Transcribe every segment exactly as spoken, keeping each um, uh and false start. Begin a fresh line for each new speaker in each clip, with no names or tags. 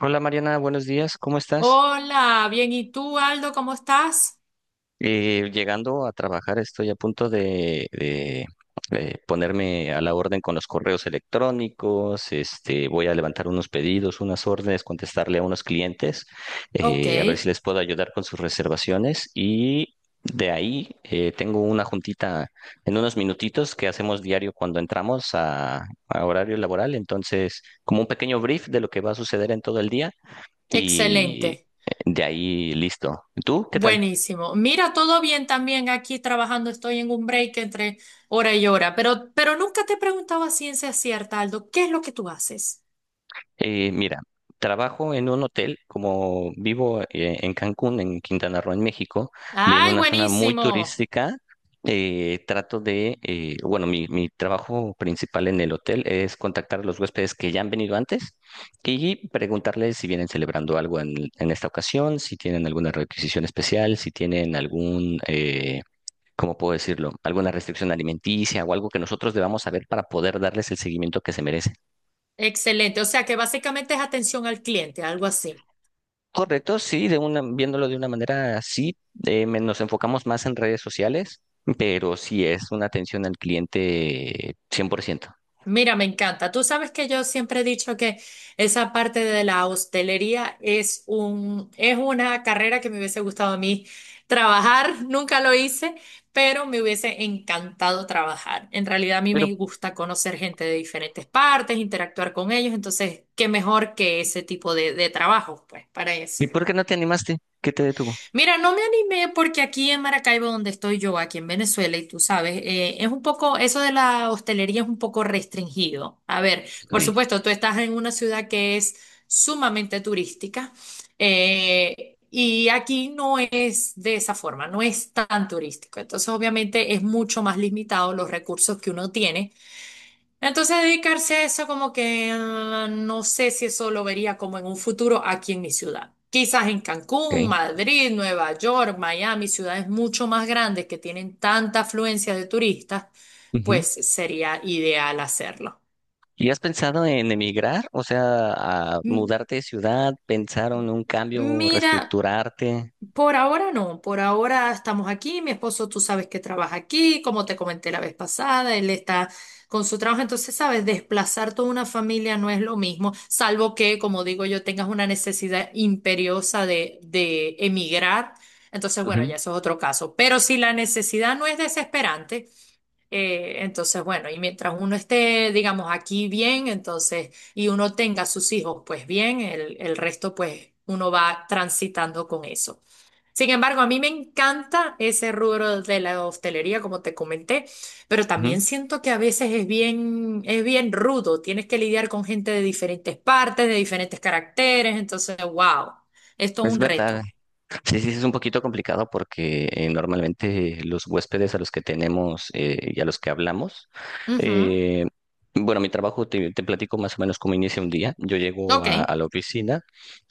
Hola Mariana, buenos días, ¿cómo estás?
Hola, bien. ¿Y tú, Aldo, cómo estás?
Eh, llegando a trabajar, estoy a punto de, de, eh, ponerme a la orden con los correos electrónicos, este, voy a levantar unos pedidos, unas órdenes, contestarle a unos clientes,
Ok,
eh, a ver si les puedo ayudar con sus reservaciones y de ahí eh, tengo una juntita en unos minutitos que hacemos diario cuando entramos a, a horario laboral, entonces como un pequeño brief de lo que va a suceder en todo el día. y eh,
excelente.
de ahí listo. ¿Tú qué tal?
Buenísimo. Mira, todo bien también aquí trabajando. Estoy en un break entre hora y hora, pero, pero nunca te he preguntado a ciencia cierta, Aldo, ¿qué es lo que tú haces?
Eh, mira, trabajo en un hotel, como vivo eh, en Cancún, en Quintana Roo, en México, en
Ay,
una zona muy
buenísimo.
turística. Eh, trato de, eh, bueno, mi, mi trabajo principal en el hotel es contactar a los huéspedes que ya han venido antes y preguntarles si vienen celebrando algo en, en esta ocasión, si tienen alguna requisición especial, si tienen algún, eh, ¿cómo puedo decirlo? Alguna restricción alimenticia o algo que nosotros debamos saber para poder darles el seguimiento que se merecen.
Excelente. O sea que básicamente es atención al cliente, algo así.
Correcto, sí, de una, viéndolo de una manera así, eh, me- nos enfocamos más en redes sociales, pero sí es una atención al cliente cien por ciento.
Mira, me encanta. Tú sabes que yo siempre he dicho que esa parte de la hostelería es un, es una carrera que me hubiese gustado a mí trabajar. Nunca lo hice, pero me hubiese encantado trabajar. En realidad a mí
Pero,
me gusta conocer gente de diferentes partes, interactuar con ellos. Entonces, qué mejor que ese tipo de, de trabajo, pues, para eso.
¿y por qué no te animaste? ¿Qué te detuvo?
Mira, no me animé porque aquí en Maracaibo, donde estoy yo, aquí en Venezuela, y tú sabes, eh, es un poco, eso de la hostelería es un poco restringido. A ver,
Ok,
por supuesto, tú estás en una ciudad que es sumamente turística, eh, y aquí no es de esa forma, no es tan turístico. Entonces, obviamente, es mucho más limitado los recursos que uno tiene, entonces dedicarse a eso como que ah, no sé si eso lo vería como en un futuro aquí en mi ciudad. Quizás en Cancún,
ok.
Madrid, Nueva York, Miami, ciudades mucho más grandes que tienen tanta afluencia de turistas,
Ujú.
pues sería ideal hacerlo.
¿Y has pensado en emigrar? O sea, a
M-
mudarte de ciudad, pensar en un cambio,
Mira.
reestructurarte.
Por ahora no, por ahora estamos aquí, mi esposo tú sabes que trabaja aquí, como te comenté la vez pasada, él está con su trabajo, entonces sabes, desplazar toda una familia no es lo mismo, salvo que, como digo yo, tengas una necesidad imperiosa de, de emigrar, entonces bueno,
Ujú,
ya eso es otro caso, pero si la necesidad no es desesperante, eh, entonces bueno, y mientras uno esté, digamos, aquí bien, entonces, y uno tenga sus hijos, pues bien, el, el resto pues uno va transitando con eso. Sin embargo, a mí me encanta ese rubro de la hostelería, como te comenté, pero
ujú.
también siento que a veces es bien, es bien rudo. Tienes que lidiar con gente de diferentes partes, de diferentes caracteres. Entonces, wow, es todo
Es
un
verdad.
reto.
Sí, sí, sí, es un poquito complicado porque eh, normalmente los huéspedes a los que tenemos eh, y a los que hablamos,
Ujú.
eh, bueno, mi trabajo te, te platico más o menos cómo inicia un día. Yo llego
Ok,
a, a la oficina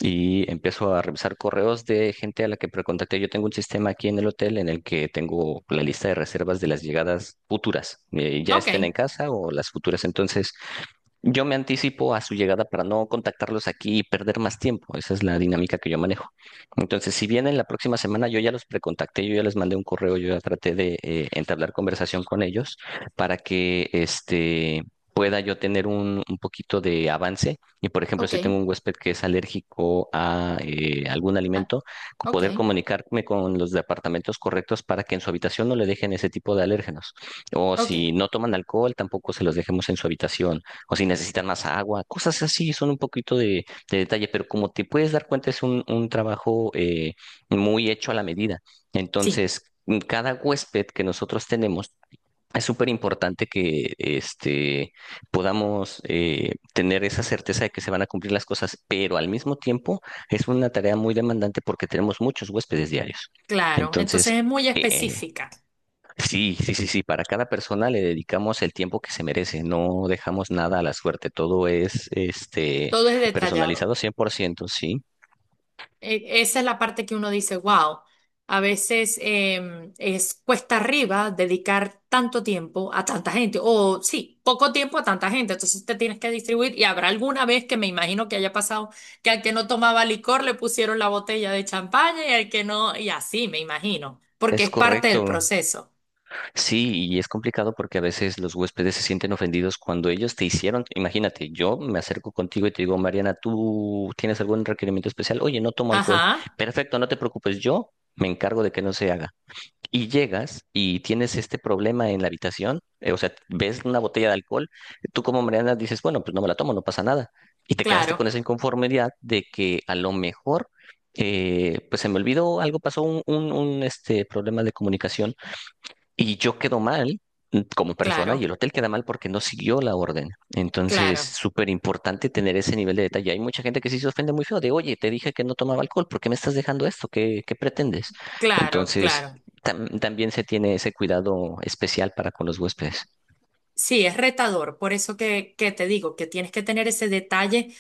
y empiezo a revisar correos de gente a la que precontacté. Yo tengo un sistema aquí en el hotel en el que tengo la lista de reservas de las llegadas futuras, eh, ya
ok,
estén en casa o las futuras. Entonces, yo me anticipo a su llegada para no contactarlos aquí y perder más tiempo. Esa es la dinámica que yo manejo. Entonces, si vienen la próxima semana, yo ya los precontacté, yo ya les mandé un correo, yo ya traté de eh, entablar conversación con ellos para que este pueda yo tener un, un poquito de avance. Y por ejemplo,
ok,
si tengo un huésped que es alérgico a eh, algún
ah,
alimento,
ok,
poder comunicarme con los departamentos correctos para que en su habitación no le dejen ese tipo de alérgenos. O
ok.
si no toman alcohol, tampoco se los dejemos en su habitación o si necesitan más agua, cosas así, son un poquito de, de detalle, pero como te puedes dar cuenta, es un, un trabajo eh, muy hecho a la medida.
Sí,
Entonces, mm, cada huésped que nosotros tenemos, es súper importante que este, podamos eh, tener esa certeza de que se van a cumplir las cosas, pero al mismo tiempo es una tarea muy demandante porque tenemos muchos huéspedes diarios.
claro. Entonces
Entonces,
es muy
eh,
específica.
sí, sí, sí, sí. Para cada persona le dedicamos el tiempo que se merece. No dejamos nada a la suerte. Todo es este
Todo es detallado.
personalizado cien por ciento. Sí.
e- Esa es la parte que uno dice, wow, a veces em, es cuesta arriba dedicar tanto tiempo a tanta gente, o sí, poco tiempo a tanta gente, entonces te tienes que distribuir y habrá alguna vez que me imagino que haya pasado que al que no tomaba licor le pusieron la botella de champaña y al que no, y así me imagino, porque
Es
es parte del
correcto.
proceso.
Sí, y es complicado porque a veces los huéspedes se sienten ofendidos cuando ellos te hicieron. Imagínate, yo me acerco contigo y te digo, Mariana, ¿tú tienes algún requerimiento especial? Oye, no tomo alcohol.
Ajá,
Perfecto, no te preocupes. Yo me encargo de que no se haga. Y llegas y tienes este problema en la habitación, eh, o sea, ves una botella de alcohol, tú como Mariana dices, bueno, pues no me la tomo, no pasa nada. Y te quedaste con
claro,
esa inconformidad de que a lo mejor, eh, pues se me olvidó, algo pasó, un, un, un, este, problema de comunicación y yo quedo mal mm, como persona y
claro,
el hotel queda mal porque no siguió la orden. Entonces,
claro,
súper importante tener ese nivel de detalle. Hay mucha gente que sí se ofende muy feo de, oye, te dije que no tomaba alcohol, ¿por qué me estás dejando esto? ¿Qué, qué pretendes?
claro,
Entonces,
claro.
tam- también se tiene ese cuidado especial para con los huéspedes.
Sí, es retador, por eso que, que te digo que tienes que tener ese detalle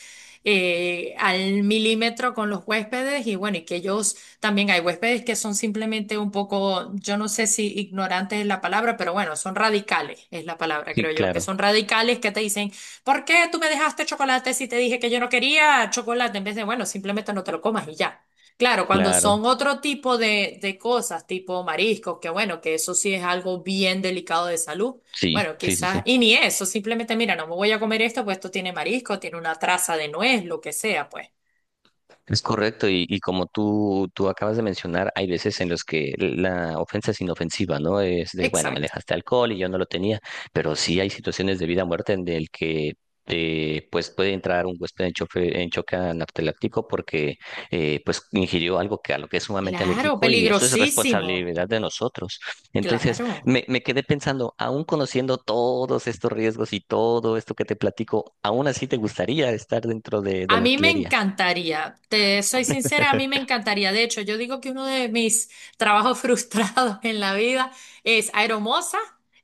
eh, al milímetro con los huéspedes y bueno, y que ellos también hay huéspedes que son simplemente un poco, yo no sé si ignorantes es la palabra, pero bueno, son radicales, es la palabra,
Sí,
creo yo, que
claro,
son radicales que te dicen, ¿por qué tú me dejaste chocolate si te dije que yo no quería chocolate? En vez de, bueno, simplemente no te lo comas y ya. Claro, cuando
claro.
son otro tipo de, de cosas, tipo mariscos, que bueno, que eso sí es algo bien delicado de salud.
Sí,
Bueno,
sí, sí, sí.
quizás, y ni eso, simplemente, mira, no me voy a comer esto, pues esto tiene marisco, tiene una traza de nuez, lo que sea, pues.
Es correcto, y, y como tú, tú acabas de mencionar, hay veces en los que la ofensa es inofensiva, ¿no? Es de, bueno, me
Exacto.
dejaste alcohol y yo no lo tenía, pero sí hay situaciones de vida o muerte en el que eh, pues puede entrar un huésped en, chofe- en choque anafiláctico porque eh, pues ingirió algo que a lo que es sumamente
Claro,
alérgico y eso es
peligrosísimo.
responsabilidad de nosotros. Entonces,
Claro.
me, me quedé pensando, aún conociendo todos estos riesgos y todo esto que te platico, aún así te gustaría estar dentro de, de
A
la
mí me
hotelería,
encantaría, te soy sincera, a mí me encantaría. De hecho, yo digo que uno de mis trabajos frustrados en la vida es aeromoza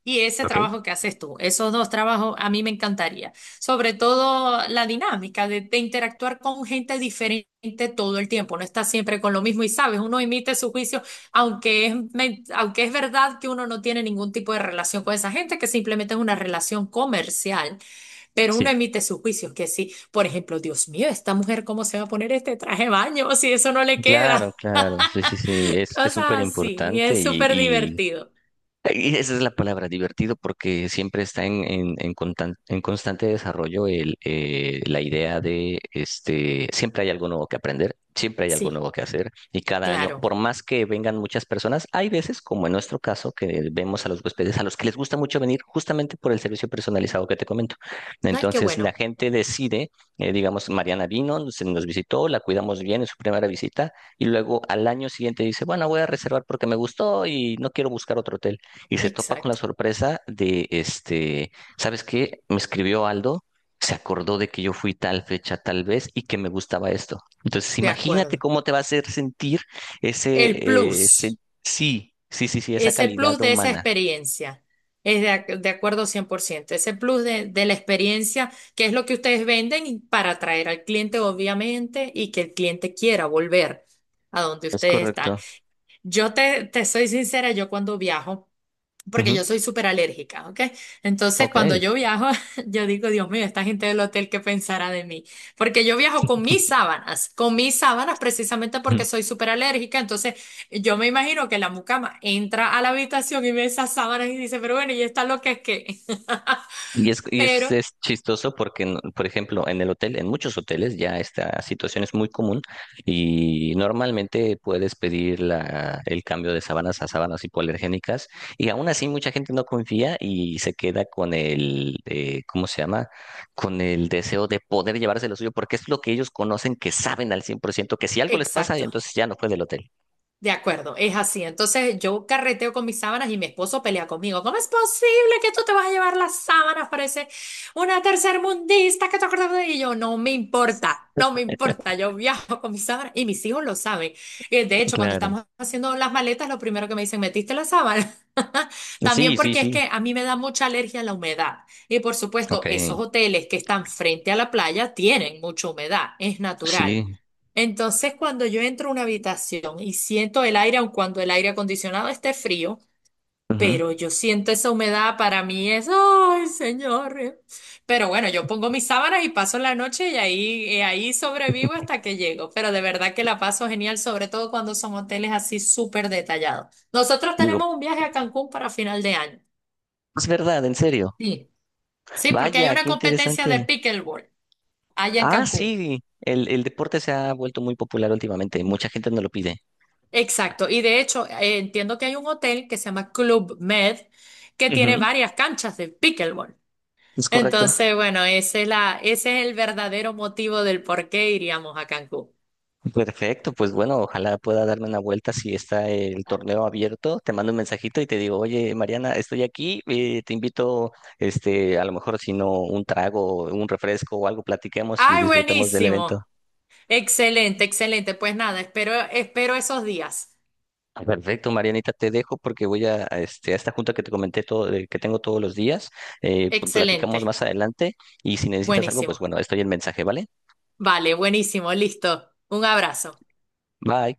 y ese
¿ok?
trabajo que haces tú. Esos dos trabajos a mí me encantaría. Sobre todo la dinámica de, de interactuar con gente diferente todo el tiempo. No estás siempre con lo mismo y sabes, uno emite su juicio, aunque es, men- aunque es verdad que uno no tiene ningún tipo de relación con esa gente, que simplemente es una relación comercial. Pero uno
Sí,
emite sus juicios, que sí, por ejemplo, Dios mío, esta mujer, ¿cómo se va a poner este traje de baño si eso no le
claro,
queda?
claro, sí, sí, sí, es es
Cosas
súper
así, y
importante
es
y,
súper
y,
divertido.
Y esa es la palabra, divertido, porque siempre está en, en, en, contan- en constante desarrollo el, eh, la idea de, este, siempre hay algo nuevo que aprender, siempre hay algo
Sí,
nuevo que hacer, y cada año,
claro.
por más que vengan muchas personas, hay veces, como en nuestro caso, que vemos a los huéspedes a los que les gusta mucho venir justamente por el servicio personalizado que te comento.
Ay, qué
Entonces, la
bueno.
gente decide, eh, digamos, Mariana vino, nos, nos visitó, la cuidamos bien en su primera visita, y luego al año siguiente dice, bueno, voy a reservar porque me gustó y no quiero buscar otro hotel y se topa con la
Exacto,
sorpresa de, este, ¿sabes qué? Me escribió Aldo, se acordó de que yo fui tal fecha, tal vez, y que me gustaba esto. Entonces,
de
imagínate
acuerdo.
cómo te va a hacer sentir ese,
El
eh, ese-
plus,
sí, sí, sí, sí, esa
ese
calidad
plus de esa
humana.
experiencia, es de, ac- de acuerdo cien por ciento. Ese plus de, de la experiencia, que es lo que ustedes venden y para atraer al cliente, obviamente, y que el cliente quiera volver a donde
Es
ustedes están.
correcto.
Yo te, te soy sincera, yo cuando viajo, porque
Ujú.
yo soy súper alérgica, ¿ok? Entonces,
Ok.
cuando yo viajo, yo digo, Dios mío, esta gente del hotel, ¿qué pensará de mí? Porque yo viajo con mis sábanas, con mis sábanas precisamente porque soy súper alérgica, entonces yo me imagino que la mucama entra a la habitación y ve esas sábanas y dice, pero bueno, ¿y esta lo que es que
Y es, y es,
Pero,
es chistoso porque, no- por ejemplo, en el hotel, en muchos hoteles ya esta situación es muy común y normalmente puedes pedir la, el cambio de sábanas a sábanas hipoalergénicas y aún así mucha gente no confía y se queda con el, eh, ¿cómo se llama? Con el deseo de poder llevarse lo suyo porque es lo que ellos conocen, que saben al cien por ciento que si algo les pasa,
exacto.
entonces ya no fue del hotel.
De acuerdo, es así. Entonces yo carreteo con mis sábanas y mi esposo pelea conmigo. ¿Cómo es posible que tú te vas a llevar las sábanas? Parece una tercermundista que te acuerdas de ello. No me importa, no me importa. Yo viajo con mis sábanas y mis hijos lo saben. Eh, De hecho, cuando
Claro.
estamos haciendo las maletas, lo primero que me dicen, ¿metiste la sábana? También
Sí, sí,
porque es
sí.
que a mí me da mucha alergia a la humedad. Y por supuesto,
Ok.
esos hoteles que están frente a la playa tienen mucha humedad, es natural.
Sí.
Entonces, cuando yo entro a una habitación y siento el aire, aun cuando el aire acondicionado esté frío,
Ujú.
pero yo siento esa humedad, para mí es, ay, señor. Pero bueno, yo pongo mis sábanas y paso la noche y ahí, y ahí sobrevivo hasta que llego. Pero de verdad que la paso genial, sobre todo cuando son hoteles así súper detallados. Nosotros
Digo,
tenemos un viaje a Cancún para final de año.
es verdad, en serio.
Sí. Sí, porque hay
Vaya,
una
qué
competencia de
interesante.
pickleball allá en
Ah,
Cancún.
sí, el, el deporte se ha vuelto muy popular últimamente. Mucha gente no lo pide.
Exacto, y de hecho eh, entiendo que hay un hotel que se llama Club Med que tiene
Ujú,
varias canchas de pickleball.
es correcto.
Entonces, bueno, ese es la, ese es el verdadero motivo del por qué iríamos a Cancún.
Perfecto, pues bueno, ojalá pueda darme una vuelta si está el torneo abierto. Te mando un mensajito y te digo, oye, Mariana, estoy aquí, eh, te invito, este, a lo mejor si no un trago, un refresco o algo, platiquemos y
¡Ay,
disfrutemos del evento.
buenísimo! Excelente, excelente. Pues nada, espero, espero esos días.
Ah, perfecto, Marianita, te dejo porque voy a, a este, a esta junta que te comenté todo, de- que tengo todos los días. Eh, pl- platicamos
Excelente,
más adelante y si necesitas algo, pues
buenísimo.
bueno, estoy en mensaje, ¿vale?
Vale, buenísimo, listo. Un abrazo.
Bye.